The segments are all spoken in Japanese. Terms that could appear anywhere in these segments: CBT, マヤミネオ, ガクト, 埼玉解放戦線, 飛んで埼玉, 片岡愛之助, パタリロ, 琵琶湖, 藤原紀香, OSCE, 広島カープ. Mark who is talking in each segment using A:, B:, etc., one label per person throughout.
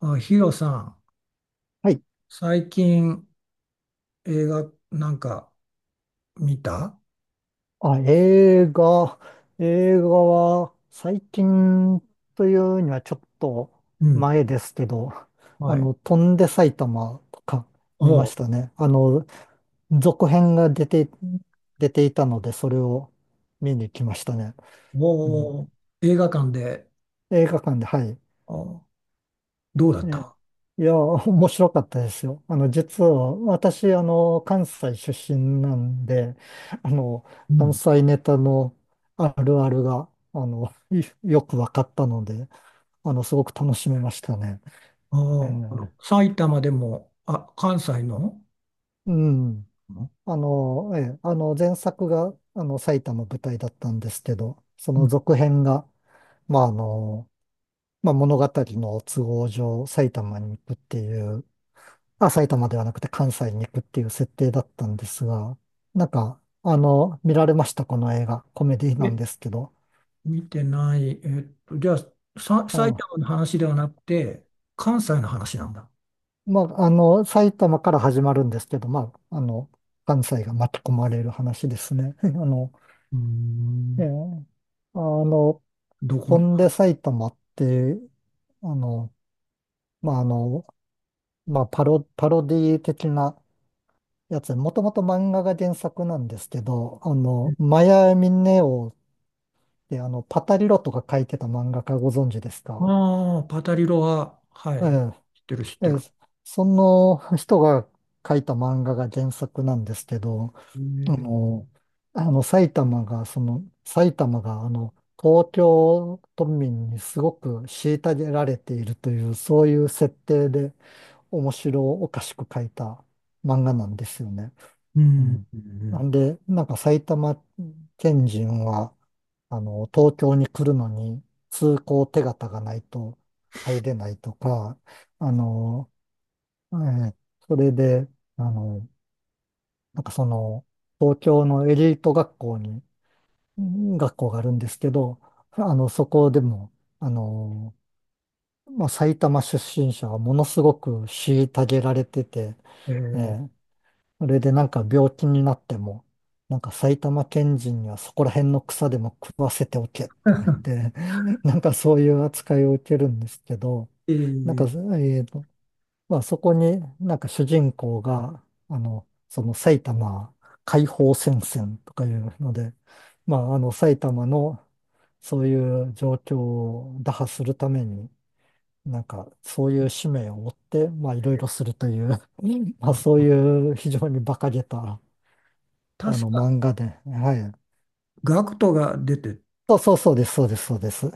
A: あ、ヒロさん、
B: はい。
A: 最近映画なんか見た？
B: あ、映画。映画は最近というにはちょっと
A: うん。
B: 前ですけど、
A: はい。
B: 飛んで埼玉とか
A: お
B: 見ま
A: う、
B: したね。続編が出ていたので、それを見に来ましたね。うん、
A: おう。映画館で？
B: 映画館で、はい。
A: あ、どうだっ
B: ええ、
A: た？
B: いや、面白かったですよ。実は、私、関西出身なんで、あの、
A: う
B: 関
A: ん。
B: 西ネタのあるあるが、あの、いよく分かったので、すごく楽しめましたね。
A: あ、
B: ええ、
A: あの埼玉でも、あ、関西の。
B: うん。ええ、前作が、埼玉舞台だったんですけど、そ
A: う
B: の
A: ん。
B: 続編が、まあ、まあ、物語の都合上、埼玉に行くっていう、まあ、埼玉ではなくて関西に行くっていう設定だったんですが、なんか、見られました、この映画。コメディ
A: え、
B: なんですけど。
A: 見てない。じゃあ、埼
B: あ、
A: 玉の話ではなくて、関西の話なんだ。
B: まあ、埼玉から始まるんですけど、まあ、関西が巻き込まれる話ですね。
A: うー
B: え
A: ん。
B: ーあの、
A: どこ。
B: 飛んで埼玉って、あの、まあ、まあ、パロディ的なやつ、もともと漫画が原作なんですけど、マヤミネオで、パタリロとか書いてた漫画家ご存知ですか？
A: ああ、パタリロは、はい。
B: え
A: 知ってる、知っ
B: え、え
A: て
B: え、
A: る。
B: その人が書いた漫画が原作なんですけど、
A: へ
B: あ
A: え。
B: の、あの埼玉が、その、埼玉が、東京都民にすごく虐げられているという、そういう設定で面白おかしく書いた漫画なんですよね。
A: う
B: う
A: ん。
B: ん。
A: う
B: な
A: ん。
B: んで、なんか埼玉県人は、東京に来るのに通行手形がないと入れないとか、あの、えーそれで、あの、なんかその、東京のエリート学校に、うん学校があるんですけど、そこでも、あの、まあ、埼玉出身者はものすごく虐げられてて、
A: え
B: え
A: ー
B: え、それでなんか病気になっても、なんか埼玉県人にはそこら辺の草でも食わせておけとか言って、なんかそういう扱いを受けるんですけど、
A: え
B: なんか、
A: ー
B: まあそこになんか主人公が、その埼玉解放戦線とかいうので、まああの埼玉のそういう状況を打破するために、なんか、そういう使命を負って、まあ、いろいろするという まあ、
A: あ、そ
B: そう
A: う。
B: いう非常に馬鹿げた、
A: 確か、
B: 漫画で、はい。
A: ガクトが出て、
B: そうそうそうです、そうです、そうです。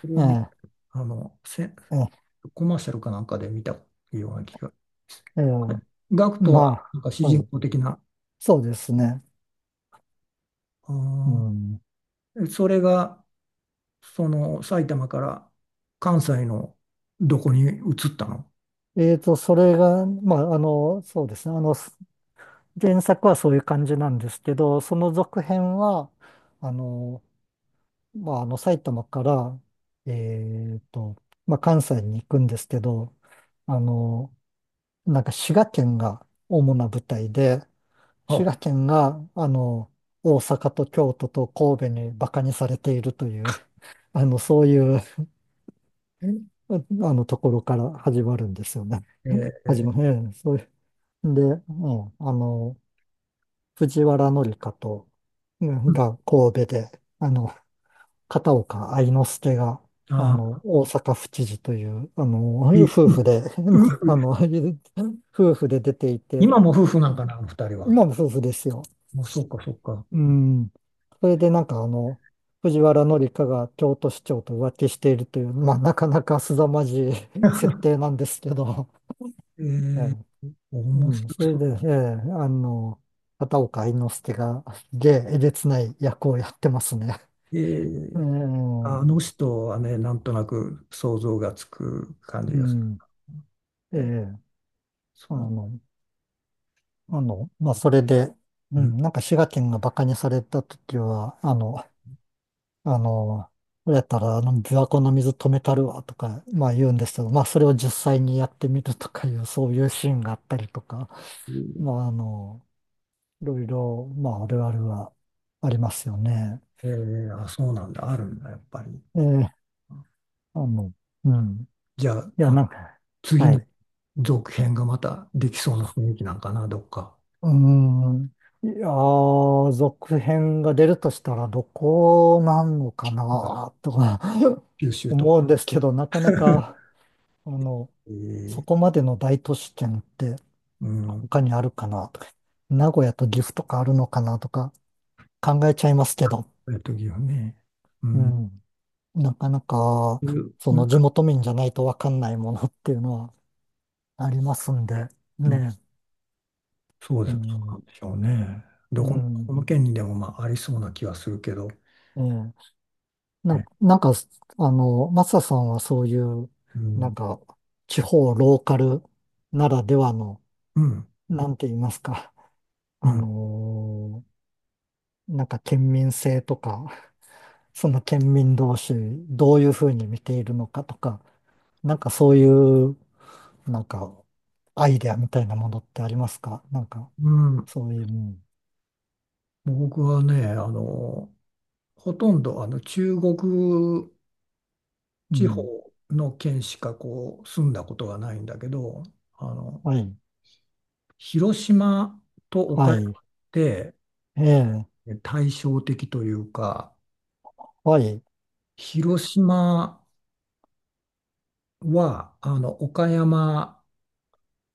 A: それ
B: え
A: を見
B: え、
A: あの、せ、
B: ええ、
A: コマーシャルかなんかで見たような気がしまする。
B: ええ、
A: はい。ガクト
B: ま
A: は、なんか主
B: あ、は
A: 人
B: い。
A: 公的な、
B: そうですね。う
A: あ
B: ん。
A: それが、その、埼玉から関西のどこに移ったの？
B: それが、まあ、そうですね。原作はそういう感じなんですけど、その続編は、あの、まあ、埼玉から、えーと、まあ、関西に行くんですけど、あの、なんか滋賀県が主な舞台で、滋
A: あ、
B: 賀県が、大阪と京都と神戸にバカにされているという、そういう、ところから始まるんですよね。
A: え
B: 始ま
A: ー
B: る、ええ、そういう。で、うん、藤原紀香と、うんが神戸で、あの、片岡愛之助が、
A: あ
B: 大阪府知事という、
A: いい。
B: 夫婦で、
A: う。
B: あの、夫婦で出ていて、
A: 今も夫婦なんかな、あの二人
B: 今
A: は？
B: も夫婦ですよ。
A: もう、そっか、そっか。
B: うん。それでなんかあの、藤原紀香が京都市長と浮気しているという、まあなかなか凄まじい 設定なんですけど、
A: え
B: え
A: ー、
B: え、う
A: 面白
B: ん、そ
A: そ
B: れ
A: う
B: で、
A: だ。
B: ええ、あの、片岡愛之助がでえげつない役をやってますね。
A: え
B: ええ、
A: ー。
B: う
A: あの人はね、なんとなく想像がつく感じがす
B: ん、え
A: る。え、
B: え、あ
A: そ
B: の、まあそれで、う
A: う。う
B: ん、なんか滋賀県が馬鹿にされた時は、あの、これやったら、琵琶湖の水止めたるわとか、まあ言うんですけど、まあそれを実際にやってみるとかいう、そういうシーンがあったりとか、
A: ん。
B: まああの、いろいろ、まああるあるはありますよね。
A: えー、あ、そうなんだ。あるんだ、やっぱり。
B: ええ、あの、うん。
A: じゃあ、
B: いや、
A: あ、
B: なんか、
A: 次
B: はい。
A: に
B: う
A: 続編がまたできそうな雰囲気なんかな、どっか。
B: ーん。いやー、続編が出るとしたらどこなのかな、とか
A: 九 州と
B: 思うん
A: か。
B: ですけど、なかな か、あの、
A: え
B: そ
A: ー、
B: こまでの大都市圏って、
A: うん。
B: 他にあるかなとか、名古屋と岐阜とかあるのかなとか考えちゃいますけど、
A: 岐阜ね。う
B: う
A: ん。
B: ん。なかなか、
A: そういう、
B: そ
A: なん
B: の地
A: か。
B: 元民じゃないとわかんないものっていうのはありますんで、
A: うん、
B: ね。
A: そう
B: う
A: です。そうな
B: ん。
A: んでしょうね。
B: う
A: どこ、
B: ん。
A: この県にでもまあありそうな気はするけど。
B: ええ。な、
A: え。
B: なんか、マサさんはそういう、
A: う
B: なん
A: ん。
B: か、地方ローカルならではの、
A: うん。
B: なんて言いますか、
A: う
B: あ
A: ん。
B: のなんか県民性とか、その県民同士、どういうふうに見ているのかとか、なんかそういう、なんか、アイデアみたいなものってありますかなんか、
A: うん。
B: そういう、うん、
A: もう僕はね、あの、ほとんどあの中国
B: う
A: 地方
B: ん、
A: の県しかこう住んだことがないんだけど、あの、
B: はい、
A: 広島と岡
B: は
A: 山っ
B: い、
A: て
B: ええ、
A: 対照的というか、
B: はい、
A: 広島はあの岡山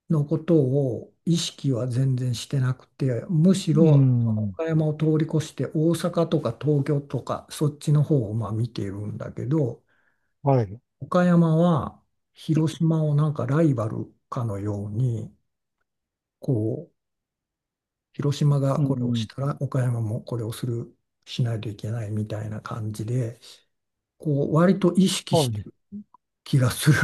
A: のことを意識は全然してなくて、むし
B: う
A: ろ
B: ん、
A: 岡山を通り越して大阪とか東京とかそっちの方をまあ見ているんだけど、
B: はい、
A: 岡山は広島をなんかライバルかのように、こう、広島が
B: う
A: これをし
B: ん、
A: たら岡山もこれをする、しないといけないみたいな感じで、こう、割と意識し
B: は
A: て
B: い。
A: る気がする。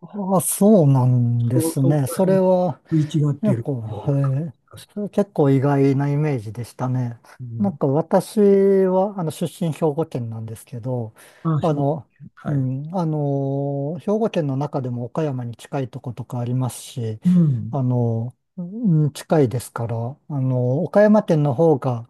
B: ああ、そうなん で
A: そう、
B: す
A: そ
B: ね。
A: こら
B: それ
A: 辺
B: は、
A: 食い違って
B: 結
A: る
B: 構、
A: ような感
B: はい。
A: じがする。
B: それ結構意外なイメージでしたね。
A: う
B: な
A: ん。
B: んか私は、出身兵庫県なんですけど、
A: まあ、
B: あ
A: 兵庫
B: の、
A: 県。
B: う
A: はい。
B: ん、兵庫県の中でも岡山に近いとことかありますし、
A: うん。
B: うん近いですから、岡山県の方が、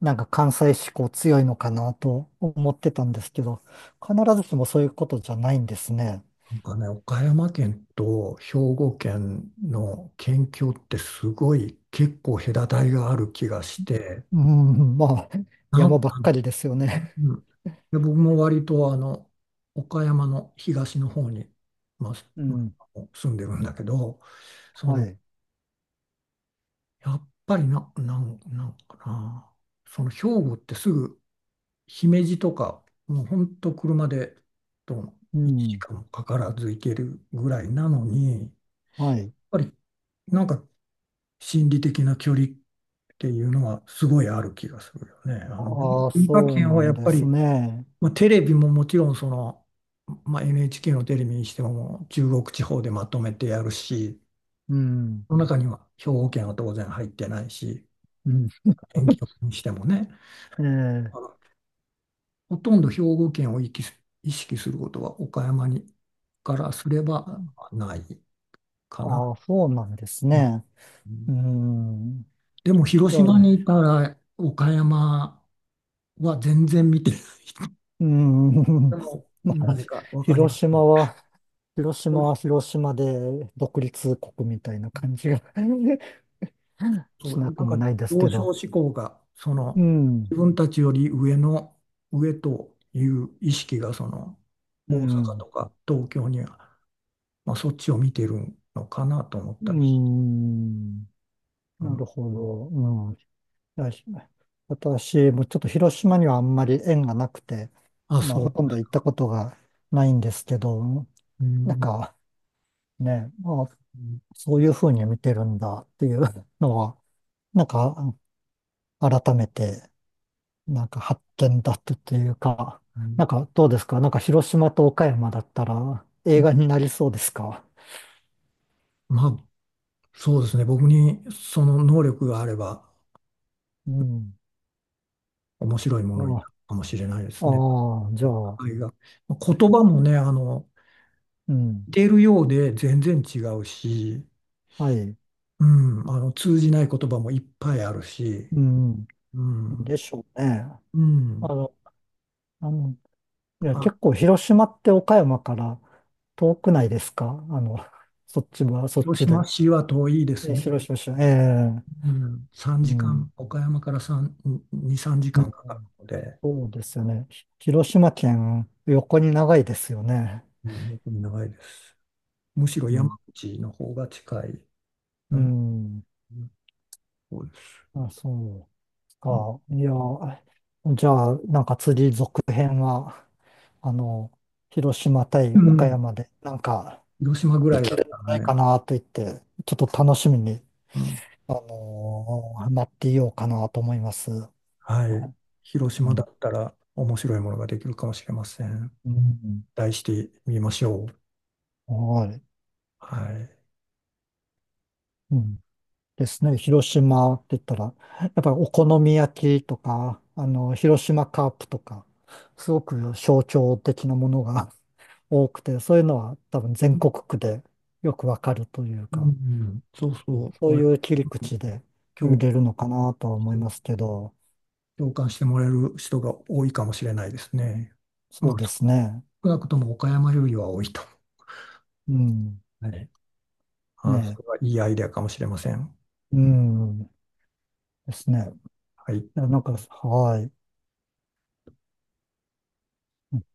B: なんか関西志向強いのかなと思ってたんですけど、必ずしもそういうことじゃないんですね。
A: なんかね、岡山県と兵庫県の県境ってすごい結構隔たりがある気がして、
B: うん、まあ、
A: な
B: 山
A: ん
B: ば
A: か
B: っ
A: ね。
B: かりですよね。
A: うん、で僕も割とあの岡山の東の方に、まあ、
B: う
A: ま
B: ん、
A: あ住んでるんだけど、そ
B: は
A: の
B: い。
A: やっぱりな、なんかな、その兵庫ってすぐ姫路とかもうほんと車でと
B: う
A: 1
B: ん。
A: 時間もかからず行けるぐらいなのにやっ
B: はい。
A: ぱりなんか心理的な距離っていうのはすごいある気がするよね。あの
B: ああ、
A: 文化
B: そう
A: 圏
B: な
A: はや
B: ん
A: っ
B: で
A: ぱ
B: す
A: り、
B: ね。
A: まあ、テレビももちろんその、まあ、NHK のテレビにしてももう中国地方でまとめてやるし、
B: うん。
A: その中には兵庫県は当然入ってないし、
B: うん。
A: 遠近 にしてもね、
B: ええ。
A: あのほとんど兵庫県を意識することは岡山にからすればないかな。
B: ああ、そうなんです
A: う
B: ね。う
A: ん。
B: ん。
A: でも広
B: じゃ
A: 島にい
B: あ、
A: たら岡山は全然見てない、
B: うん。
A: でも
B: まあ、
A: なぜか分かりま
B: 広
A: すね。
B: 島は、広島は広島で独立国みたいな感じが
A: そ
B: し
A: う、
B: な
A: な
B: く
A: ん
B: も
A: か
B: ないです
A: 上
B: けど。
A: 昇志向が、そ
B: う
A: の、
B: ん。
A: 自分たちより上の、上という意識が、その、
B: う
A: 大阪
B: ん。
A: とか東京には、まあ、そっちを見てるのかなと思っ
B: う
A: たりして、
B: ん。
A: う
B: な
A: ん、
B: るほど。いや、私もちょっと広島にはあんまり縁がなくて、
A: あ、
B: まあ、
A: そ
B: ほ
A: う。
B: とんど行ったことがないんですけど、
A: う
B: なん
A: ん、
B: かね、まあ、
A: うん、
B: そういうふうに見てるんだっていう のは、なんか改めて、なんか発見だったというか、
A: うん。
B: なんかどうですかなんか広島と岡山だったら映画になりそうですか？
A: まあ、そうですね。僕にその能力があれば、
B: うん。
A: 面白いも
B: あ
A: のにな
B: あ、
A: るかもしれないですね。
B: ああじゃ
A: お
B: あ、
A: 互いが。まあ言葉もね、あの、
B: うん。
A: 似てるようで全然違うし、
B: はい。
A: うん、あの通じない言葉もいっぱいあるし、
B: うん。
A: うん、
B: でしょうね。
A: うん、
B: あの、あの、いや、
A: あ、
B: 結構広島って岡山から遠くないですかあの、そっちはそっ
A: 広
B: ち
A: 島
B: で。
A: 市は遠いです
B: え、
A: ね。
B: 広島市、ええ、
A: うん、3
B: う
A: 時
B: ん、
A: 間、岡山から3、2、3
B: う
A: 時間
B: ん。
A: かんかかるので、
B: そうですよね。広島県、横に長いですよね。
A: うん、僕に長いです。むしろ
B: う
A: 山
B: ん。
A: 口の方が近い。
B: う
A: うん、
B: ん。
A: そうです。
B: あ、そうか。いや、じゃあ、なんか次続編は、あの、広島対
A: うん、う
B: 岡
A: ん、
B: 山で、なんか、
A: 広島ぐら
B: で
A: いだ
B: き
A: っ
B: るん
A: た
B: じゃ
A: ら
B: ない
A: ね、
B: かなと言って、ちょっと楽しみに
A: うん、
B: なっていようかなと思います。は
A: はい、
B: い。
A: 広
B: う
A: 島だ
B: ん。
A: ったら面白いものができるかもしれません。
B: うん。
A: 題してみましょう。
B: はい。
A: はい。
B: うん。ですね。広島って言ったら、やっぱりお好み焼きとか、広島カープとか、すごく象徴的なものが 多くて、そういうのは多分全国区でよくわかるという
A: う
B: か、
A: ん、そうそう。終
B: そう
A: わ
B: い
A: り、
B: う切り口で見
A: 共、
B: れるのかなとは思いますけど、
A: 共感してもらえる人が多いかもしれないですね。
B: そ
A: まあ、
B: うですね。
A: 少なくとも岡山よりは多いと。
B: うん。
A: はい。あ、
B: ね
A: それはいいアイデアかもしれません。
B: え。うん。ですね。
A: はい。
B: いや、なんか、はい。うん